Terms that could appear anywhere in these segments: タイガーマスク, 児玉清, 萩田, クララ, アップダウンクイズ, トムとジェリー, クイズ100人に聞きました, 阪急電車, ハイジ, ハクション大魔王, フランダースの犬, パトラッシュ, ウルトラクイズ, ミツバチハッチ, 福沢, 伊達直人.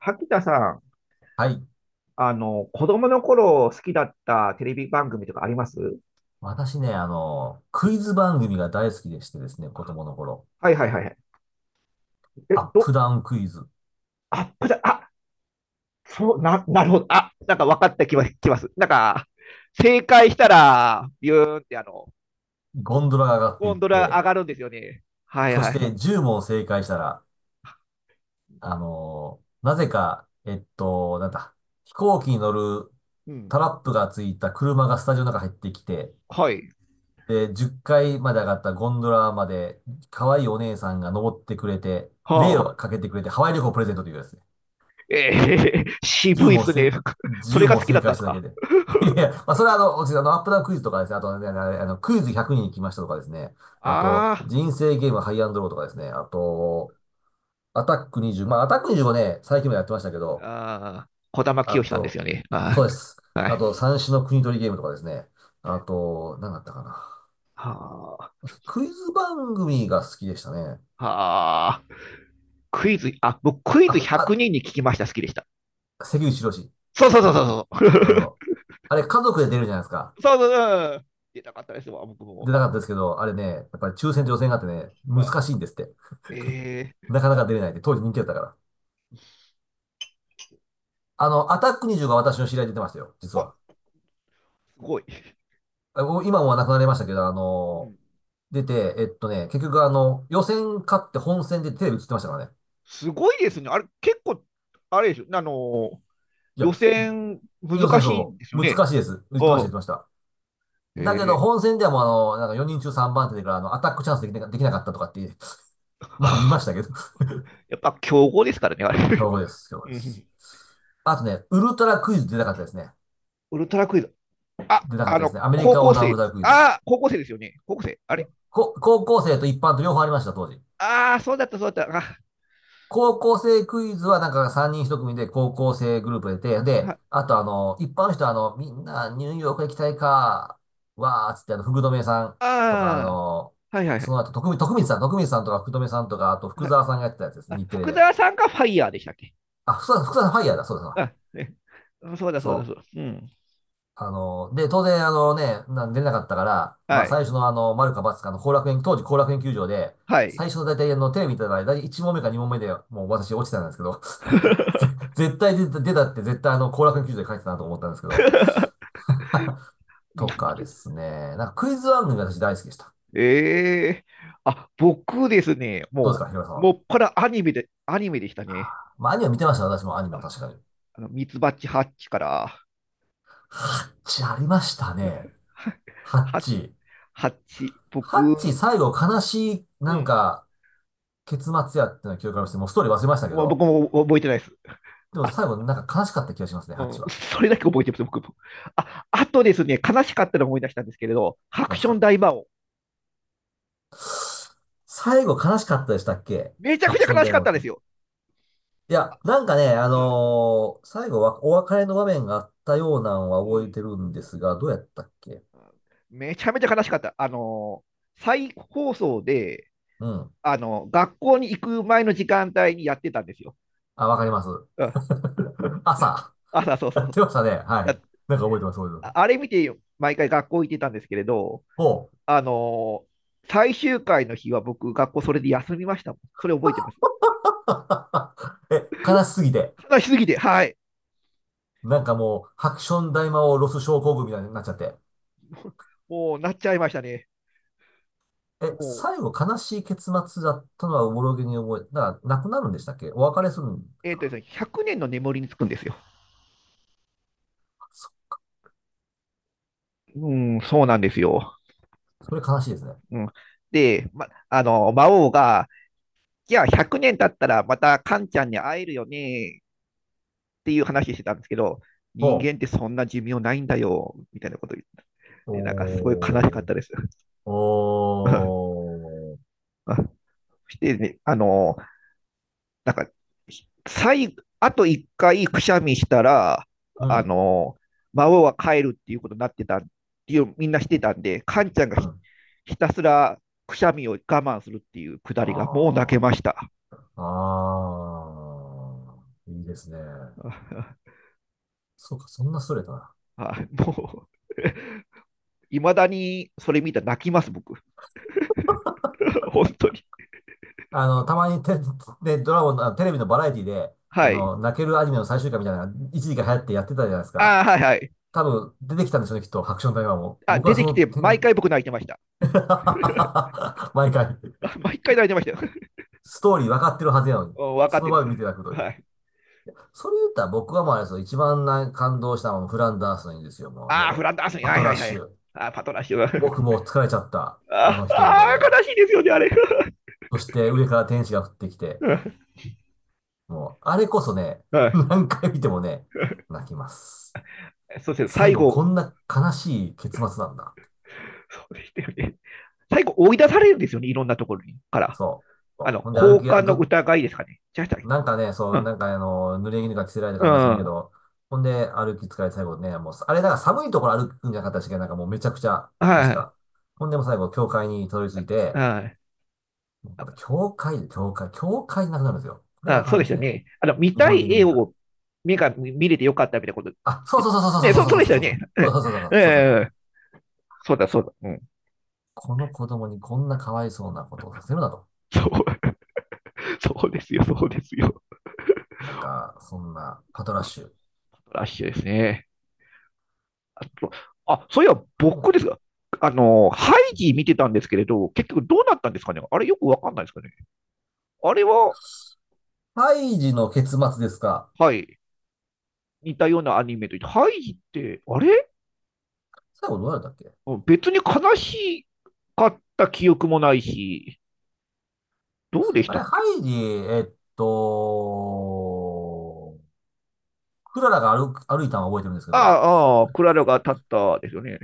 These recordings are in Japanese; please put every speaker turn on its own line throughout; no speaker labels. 萩田さん、
はい。
子供の頃好きだったテレビ番組とかあります？
私ね、クイズ番組が大好きでしてですね、子供の頃。
はいはいはいはい。え、
アップ
ど、
ダウンクイズ。
あ、こちら、あ、そう、なるほど。あ、なんか分かった気はきます。なんか、正解したら、ビューンって
ゴンドラが上がってい
ゴ
っ
ンドラ上
て、
がるんですよね。はいはい
そ
は
し
い。
て10問正解したら、あの、なぜか、えっと、なんだ、飛行機に乗る
うん。
タラップがついた車がスタジオの中入ってきて、
はい。
で、10階まで上がったゴンドラまで、可愛いお姉さんが登ってくれて、
は
霊
あ。
をかけてくれて、ハワイ旅行をプレゼントというやつ。10
渋いっ
問
す
せ、
ね。そ
1
れが
問
好きだ
正
ったん
解
で
し
す
ただけ
か？
で。いやいや、まあ、それは私、アップダウンクイズとかですね、あとね、あのクイズ100人行きましたとかですね、あ と、
あ
人生ゲームハイアンドローとかですね、あと、アタック20、まあ、アタック2もね、最近もやってましたけ
あ、
ど、
ああ、児玉
あ
清さんです
と、
よね。は
そうです。
い。は
あと、
い。
三種の国取りゲームとかですね、あと、何だったかな。
はあ、
私クイズ番組が好きでしたね。
はあ。クイズ、あ、僕、クイズ
あ、
100
あ、
人にんに聞きました、好きでした。
関口宏。
そうそうそうそう
そう
そ
そ
う。
う。あれ、家族で出るじゃないですか。
そうそうそう。出たかったですわ、僕
出
も。
なかったですけど、あれね、やっぱり抽選と予選があってね、
う
難
ん、
しいんですって。
えー、
なかなか出れないって、当時人気だったから。あの、アタック25が私の知り合いで出てましたよ、実
お、
は。
すごい。
あもう今もはなくなりましたけど、
うん、
出て、えっとね、結局、予選勝って本戦でテレビ映ってましたからね。
すごいですね。あれ、結構、あれでしょ、ー、
いや、
予選、難
予選
しいん
そ
です
う、
よ
難
ね。
しいです。言っ
う
てました、言って
ん。
ました。
え
だけど、
ー、
本戦ではもう、なんか4人中3番手でから、アタックチャンスできな、できなかったとかっていう、まあ見ました けど
やっぱ、強豪ですからね、あれ。
強豪です、強 豪で
う
す。
ん。
あとね、ウルトラクイズ出なかったですね。
ウルトラクイズ。あ、
出なかったですね。アメリ
高
カ横
校
断ウ
生
ルト
で
ラ
す。
クイズ。
ああ、高校生ですよね。高校生。あれ、
高校生と一般と両方ありました、当時。
ああ、そうだった、そうだった。あ
高校生クイズはなんか3人1組で高校生グループで、
あ、
あと、一般の人は、みんなニューヨーク行きたいか、わーっつってあの、福留さんとかあ
ああ
の、
ー、はいはいは
そ
い。
の後、徳光、徳光さん、徳光さんとか福留さんとか、あと福沢さんがやってたやつです、
あ、
日テレ
福
で。
沢さんがファイヤーでしたっけ？
福沢さんファイヤーだ、そうだそうだ。
あ、ね。そうだそうだ
そ
そうだ。
う。
うん。
で、当然、出れなかったから、ま
は
あ、
い。
最初の、丸か×かの後楽園、当時後楽園球場で、
はい。
最初の大体、テレビ見てたら、大体1問目か2問目で、もう私落ちてたんですけど、ぜ絶対出た出たって絶対あの、後楽園球場で書いてたなと思ったんですけど、と
なんで？
かですね、なんかクイズ番組が私大好きでした。
ええ、あ、僕ですね、
どうです
も
か、ひろやさん
う、も
は。
っぱらアニメで、アニメでした
あ
ね。
ーまあ、アニメ見てました、私もアニメを
あ、
確かに。
ミツバチハッチから、
ハッチありましたね。ハッ
ハッ
チ。
ハッチ、
ハッ
僕、
チ最後悲しい、
う
なん
ん。
か、結末やっての記憶がありまして、もうストーリー忘れましたけ
もう僕
ど、
も覚えてないです。
でも
あ、
最後なんか悲しかった気がしますね、
う
チ
ん、
は。
それだけ覚えてます、僕も。あ、あとですね、悲しかったのを思い出したんですけれど、ハク
なん
シ
す
ョン
か。
大魔王。
最後悲しかったでしたっけ？
めちゃ
ハ
く
ク
ちゃ
ション
悲し
大
か
魔
っ
王
た
っ
んで
て。
すよ。
いや、なんかね、
うん
最後はお別れの場面があったようなのは
う
覚え
ん。
てるんですが、どうやったっけ？
あめちゃめちゃ悲しかった。再放送で、
うん。
学校に行く前の時間帯にやってたんですよ。
あ、わかります。
うん。
朝。
朝、そうそ
やっ
う。
てましたね。はい。
や、
なんか覚えてます、覚えてます。
あれ見て、毎回学校行ってたんですけれど、
ほ
あのー、最終回の日は僕、学校それで休みましたもん。それ覚えてますね。
う。え、悲しすぎて。
悲しすぎて、はい。
なんかもう、ハクション大魔王ロス症候群みたいになっちゃって。
もう、なっちゃいましたね。
え、
も
最後悲しい結末だったのはおぼろげに覚えて、だから亡くなるんでしたっけ？お別
う、え、
れするんだっ
えー
た
とです
か？
ね、100年の眠りにつくんですよ。
なそ、
うん、そうなんですよ。
それ悲しいですね。
うん。で、ま、あの、魔王が、じゃあ100年経ったらまたカンちゃんに会えるよねっていう話してたんですけど、
ほ
人間ってそんな寿命ないんだよ、みたいなこと言って、
う。
でなんかすごい悲しか
お
ったです。
ー。おー。
そしてね、なんか、最後、あと1回くしゃみしたら、
う
あ
ん。
の、孫は帰るっていうことになってたっていう、みんなしてたんで、カンちゃんが
うん。
ひたすらくしゃみを我慢するっていうくだりが、もう泣け
あ
ました。
ー。あー。いいですね。そうか、そんなストレートな。
もういまだにそれ見たら泣きます、僕。本当に。
たまに、ドラゴンの、あテレビのバラエティで、あ
はい。
の、泣けるアニメの最終回みたいなのが一時期流行ってやってたじゃないです
あ
か。
あはいはい。
多分出てきたんでしょうね、きっと、ハクション大魔王も。
あ、
僕
出
はそ
てきて、毎
の
回僕泣いてました。
毎回。
毎回泣いてましたよ。
ストーリー分かってるはずやのに。
分かっ
その
てる。
場面見て泣くという。
はい。
それ言ったら僕はもうあれですよ。一番な感動したのはフランダースのいいんですよ。もうネ
ああ、フ
ロ。
ランダースに、
パ
は
ト
いは
ラ
い
ッ
は
シ
い。
ュ。
ああパトラッシュ。
僕もう 疲れちゃった。あ
あ
の一言
あ
で。
悲しいですよね、あれ。
そして上から天使が降ってきて。もう、あれこそね、
は
何回見てもね、泣きます。
い。そして
最
最
後こ
後、
んな悲しい結末なんだ。
そうでしたよね。最後、追い出されるんですよね、いろんなところにから。
そう。そうほんで歩
交
きや、
換
ず
の
っ
疑いですかね。違いました？
なんかね、そ
う
う、
ん。
なんか、濡れ衣が着せられた
うん。
感じがしないけ
は
ど、ほんで歩き疲れて最後ね、もう、あれだから寒いところ歩くんじゃなかったし、なんかもうめちゃくちゃ、確
い。
か。ほんでもう最後、教会にたどり着いて、
はい。
また教会で教会なくなるんですよ。これが
あ、
あか
そう
ん
で
で
し
す
た
ね。
ね。見
日
た
本人
い
的
絵
には。
を目が見れてよかったみたいなこと。
あ、そうそうそうそうそ
ね、
うそう
そう、そう
そう
でし
そう
たよ
そ
ね。う
う
ん。
そうそうそうそうそうそうそうそう。
えーそうだ、そうだ。うん。
この子供にこんなかわいそうなことをさせるなと。
そう、そうですよ、そうですよ。
なんか、そんな、パトラッシュ。
ラッシュですね。あと、あ、そういえば
何が、
僕ですが、ハイジ見てたんですけれど、結局どうなったんですかね？あれよくわかんないですかね？あれは、
胎児の結末ですか？
はい、似たようなアニメと、てハイジって、あれ
最後どうなったっけ？
別に悲しかった記憶もないし、どうでし
あ
た
れ、
っ
ハ
け？
イジ、えっと、クララが歩いたのは覚えてるんですけど、
ああ、クララが立ったですよね。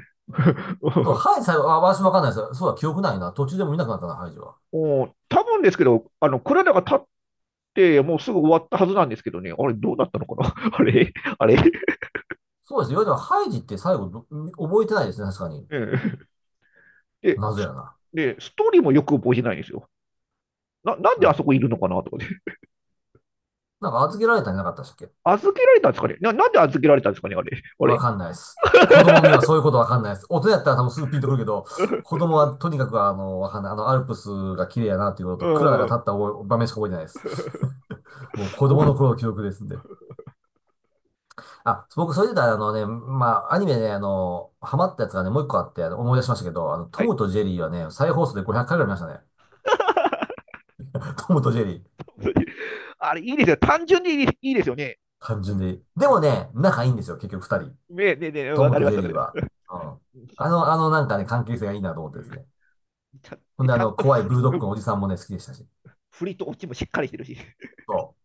そう、ハイジ最後、あ、私わかんないです。そうだ、記憶ないな。途中でも見なくなったな、ハイジは。
おお多分ですけど、クララが立って、もうすぐ終わったはずなんですけどね、あれ、どうなったのかな？ あれ、あれ、
そうですよ。いわれても、ハイジって最後ど、覚えてないですね、確かに。
うん。で、
謎やな。
ストーリーもよく覚えてないんですよ。なん
う
であそ
ん。
こいるのかなとかね。
なんか預けられたんじゃなかったっけ？
預けられたんですかね？なんで預けられたんですかね？あれ。あ
わ
れ。
かんないです。子供にはそういうことわかんないです。大人やったら多分すぐピンとくるけど、子供はとにかくわかんない。あの、アルプスが綺麗やなっていうこ と
う
と、クララが立
ん。
った覚え場面しか覚えてないです。もう 子
お、
供の頃の記憶ですんで。僕、それで言ったら、あのね、まあ、アニメね、あの、ハマったやつがね、もう一個あって、あの思い出しましたけど、あの、
は
ト
い。
ムとジェリーはね、再放送で500回ぐらい見ましたね。トムとジェリー。
あれ、いいですよ。単純にいいいいですよね。
単純で。で
う
も
ん。
ね、仲いいんですよ、結局二人。
ねねね、
ト
わ
ム
かり
と
ま
ジ
す、
ェ
わ
リ
か
ー
りま
は。
す。
うん。
う
なんかね、関係性がいいなと思ってで
ん。
すね。
ちゃん
ほんで、あ
ちゃん
の、
と
怖い
振
ブ
り、
ルドッ
う
グの
ん、
おじさんもね、好きでしたし。
振りとオチもしっかりしてるし。
そ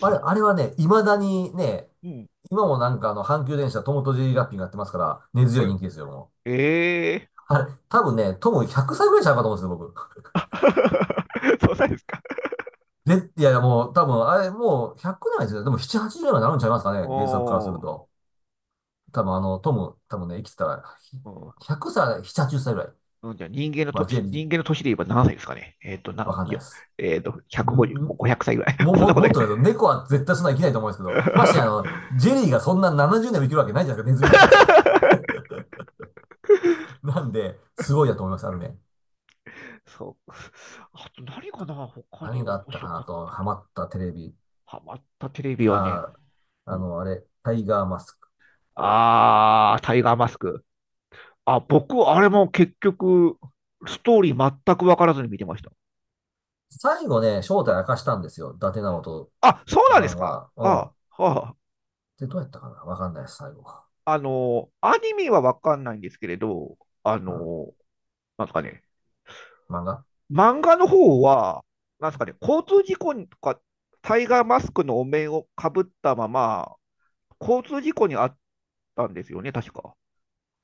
う。あ れ、あれはね、未だにね、
うん。
今もなんかあの、阪急電車トムとジェリーラッピングやってますから、根強い人気ですよ、もう。
ええー。
あれ、多分ね、トム100歳ぐらいちゃうかと思うんですよ、僕。
そうなんですか。
ぜ、いや、もう、多分、あれ、もう、100ないですよ。でも、7、80になるんちゃいますか
お
ね、原作からする
ー、
と。多分、あの、トム、多分ね、生きてたら、100歳、7、80歳ぐらい。
うん。じゃあ
まあ、ジェリー、
人間の年で言えば何歳ですかね？えっーと、な
わ
ん
かんない
よ、
です。
えっーと、
ん、ん、
150、もう500歳ぐらい。そんなこと
もっ
ない。
と言うと、猫は絶対そんな生きないと思うんですけど、ましてあの、ジェリーがそんな70年も生きるわけないじゃないですか、ネズミが。なんで、すごいだと思います、あるね。
そう。あと何かな、他に
何があ
面
った
白
か
か
な
っ
と、
た
ハ
の。
マったテレビ。
ハマったテレビはね、
あー、
う
あ
ん、
の、あれ、タイガーマスク。
タイガーマスク。あ、僕、あれも結局、ストーリー全く分からずに見てました。
最後ね、正体
あ、
明かしたんですよ、伊達直人
あ、そうなん
さ
です
ん
か。
は。うん。
あ、は
で、どうやったかなわかんないです、最後。
あ、アニメはわかんないんですけれど、あ
うん。
の、なんですかね、
漫画
漫画の方は、なんですかね、交通事故とか、タイガーマスクのお面をかぶったまま、交通事故にあったんですよね、確か。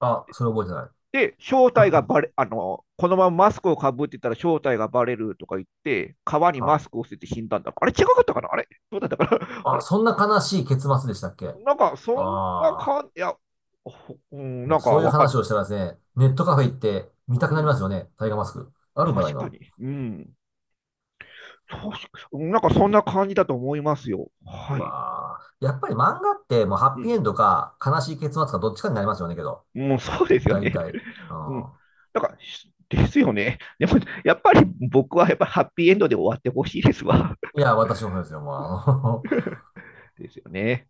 あ、それ覚え
で、正
て
体
ない。
がバ レ、あの、このままマスクをかぶってたら正体がバレるとか言って、川にマ
は
スクを捨てて死んだんだ。あれ違かったかな？あれどうだったかな？ あ
あ、
れ
そんな悲しい結末でしたっけ？あ、
なんか、そんな
あ
感じ、いや、ほうん、
ー、も
な
う
んか
そういう
わかん、
話をしたらですね、ネットカフェ行って見た
う
くなり
ん。
ますよね。タイガーマスク。あるんかな、
確か
今。
に。うん。そう。なんかそんな感じだと思いますよ。はい。
わあ、やっぱり漫画ってもうハ
う
ッピーエ
ん。
ンドか悲しい結末かどっちかになりますよね、けど。
もうそうですよ
大
ね。
体。う
うん。
ん。
なんか、ですよね。でも、やっぱり僕はやっぱハッピーエンドで終わってほしいですわ。
いや、私もそうですよ、もう。あの
ですよね。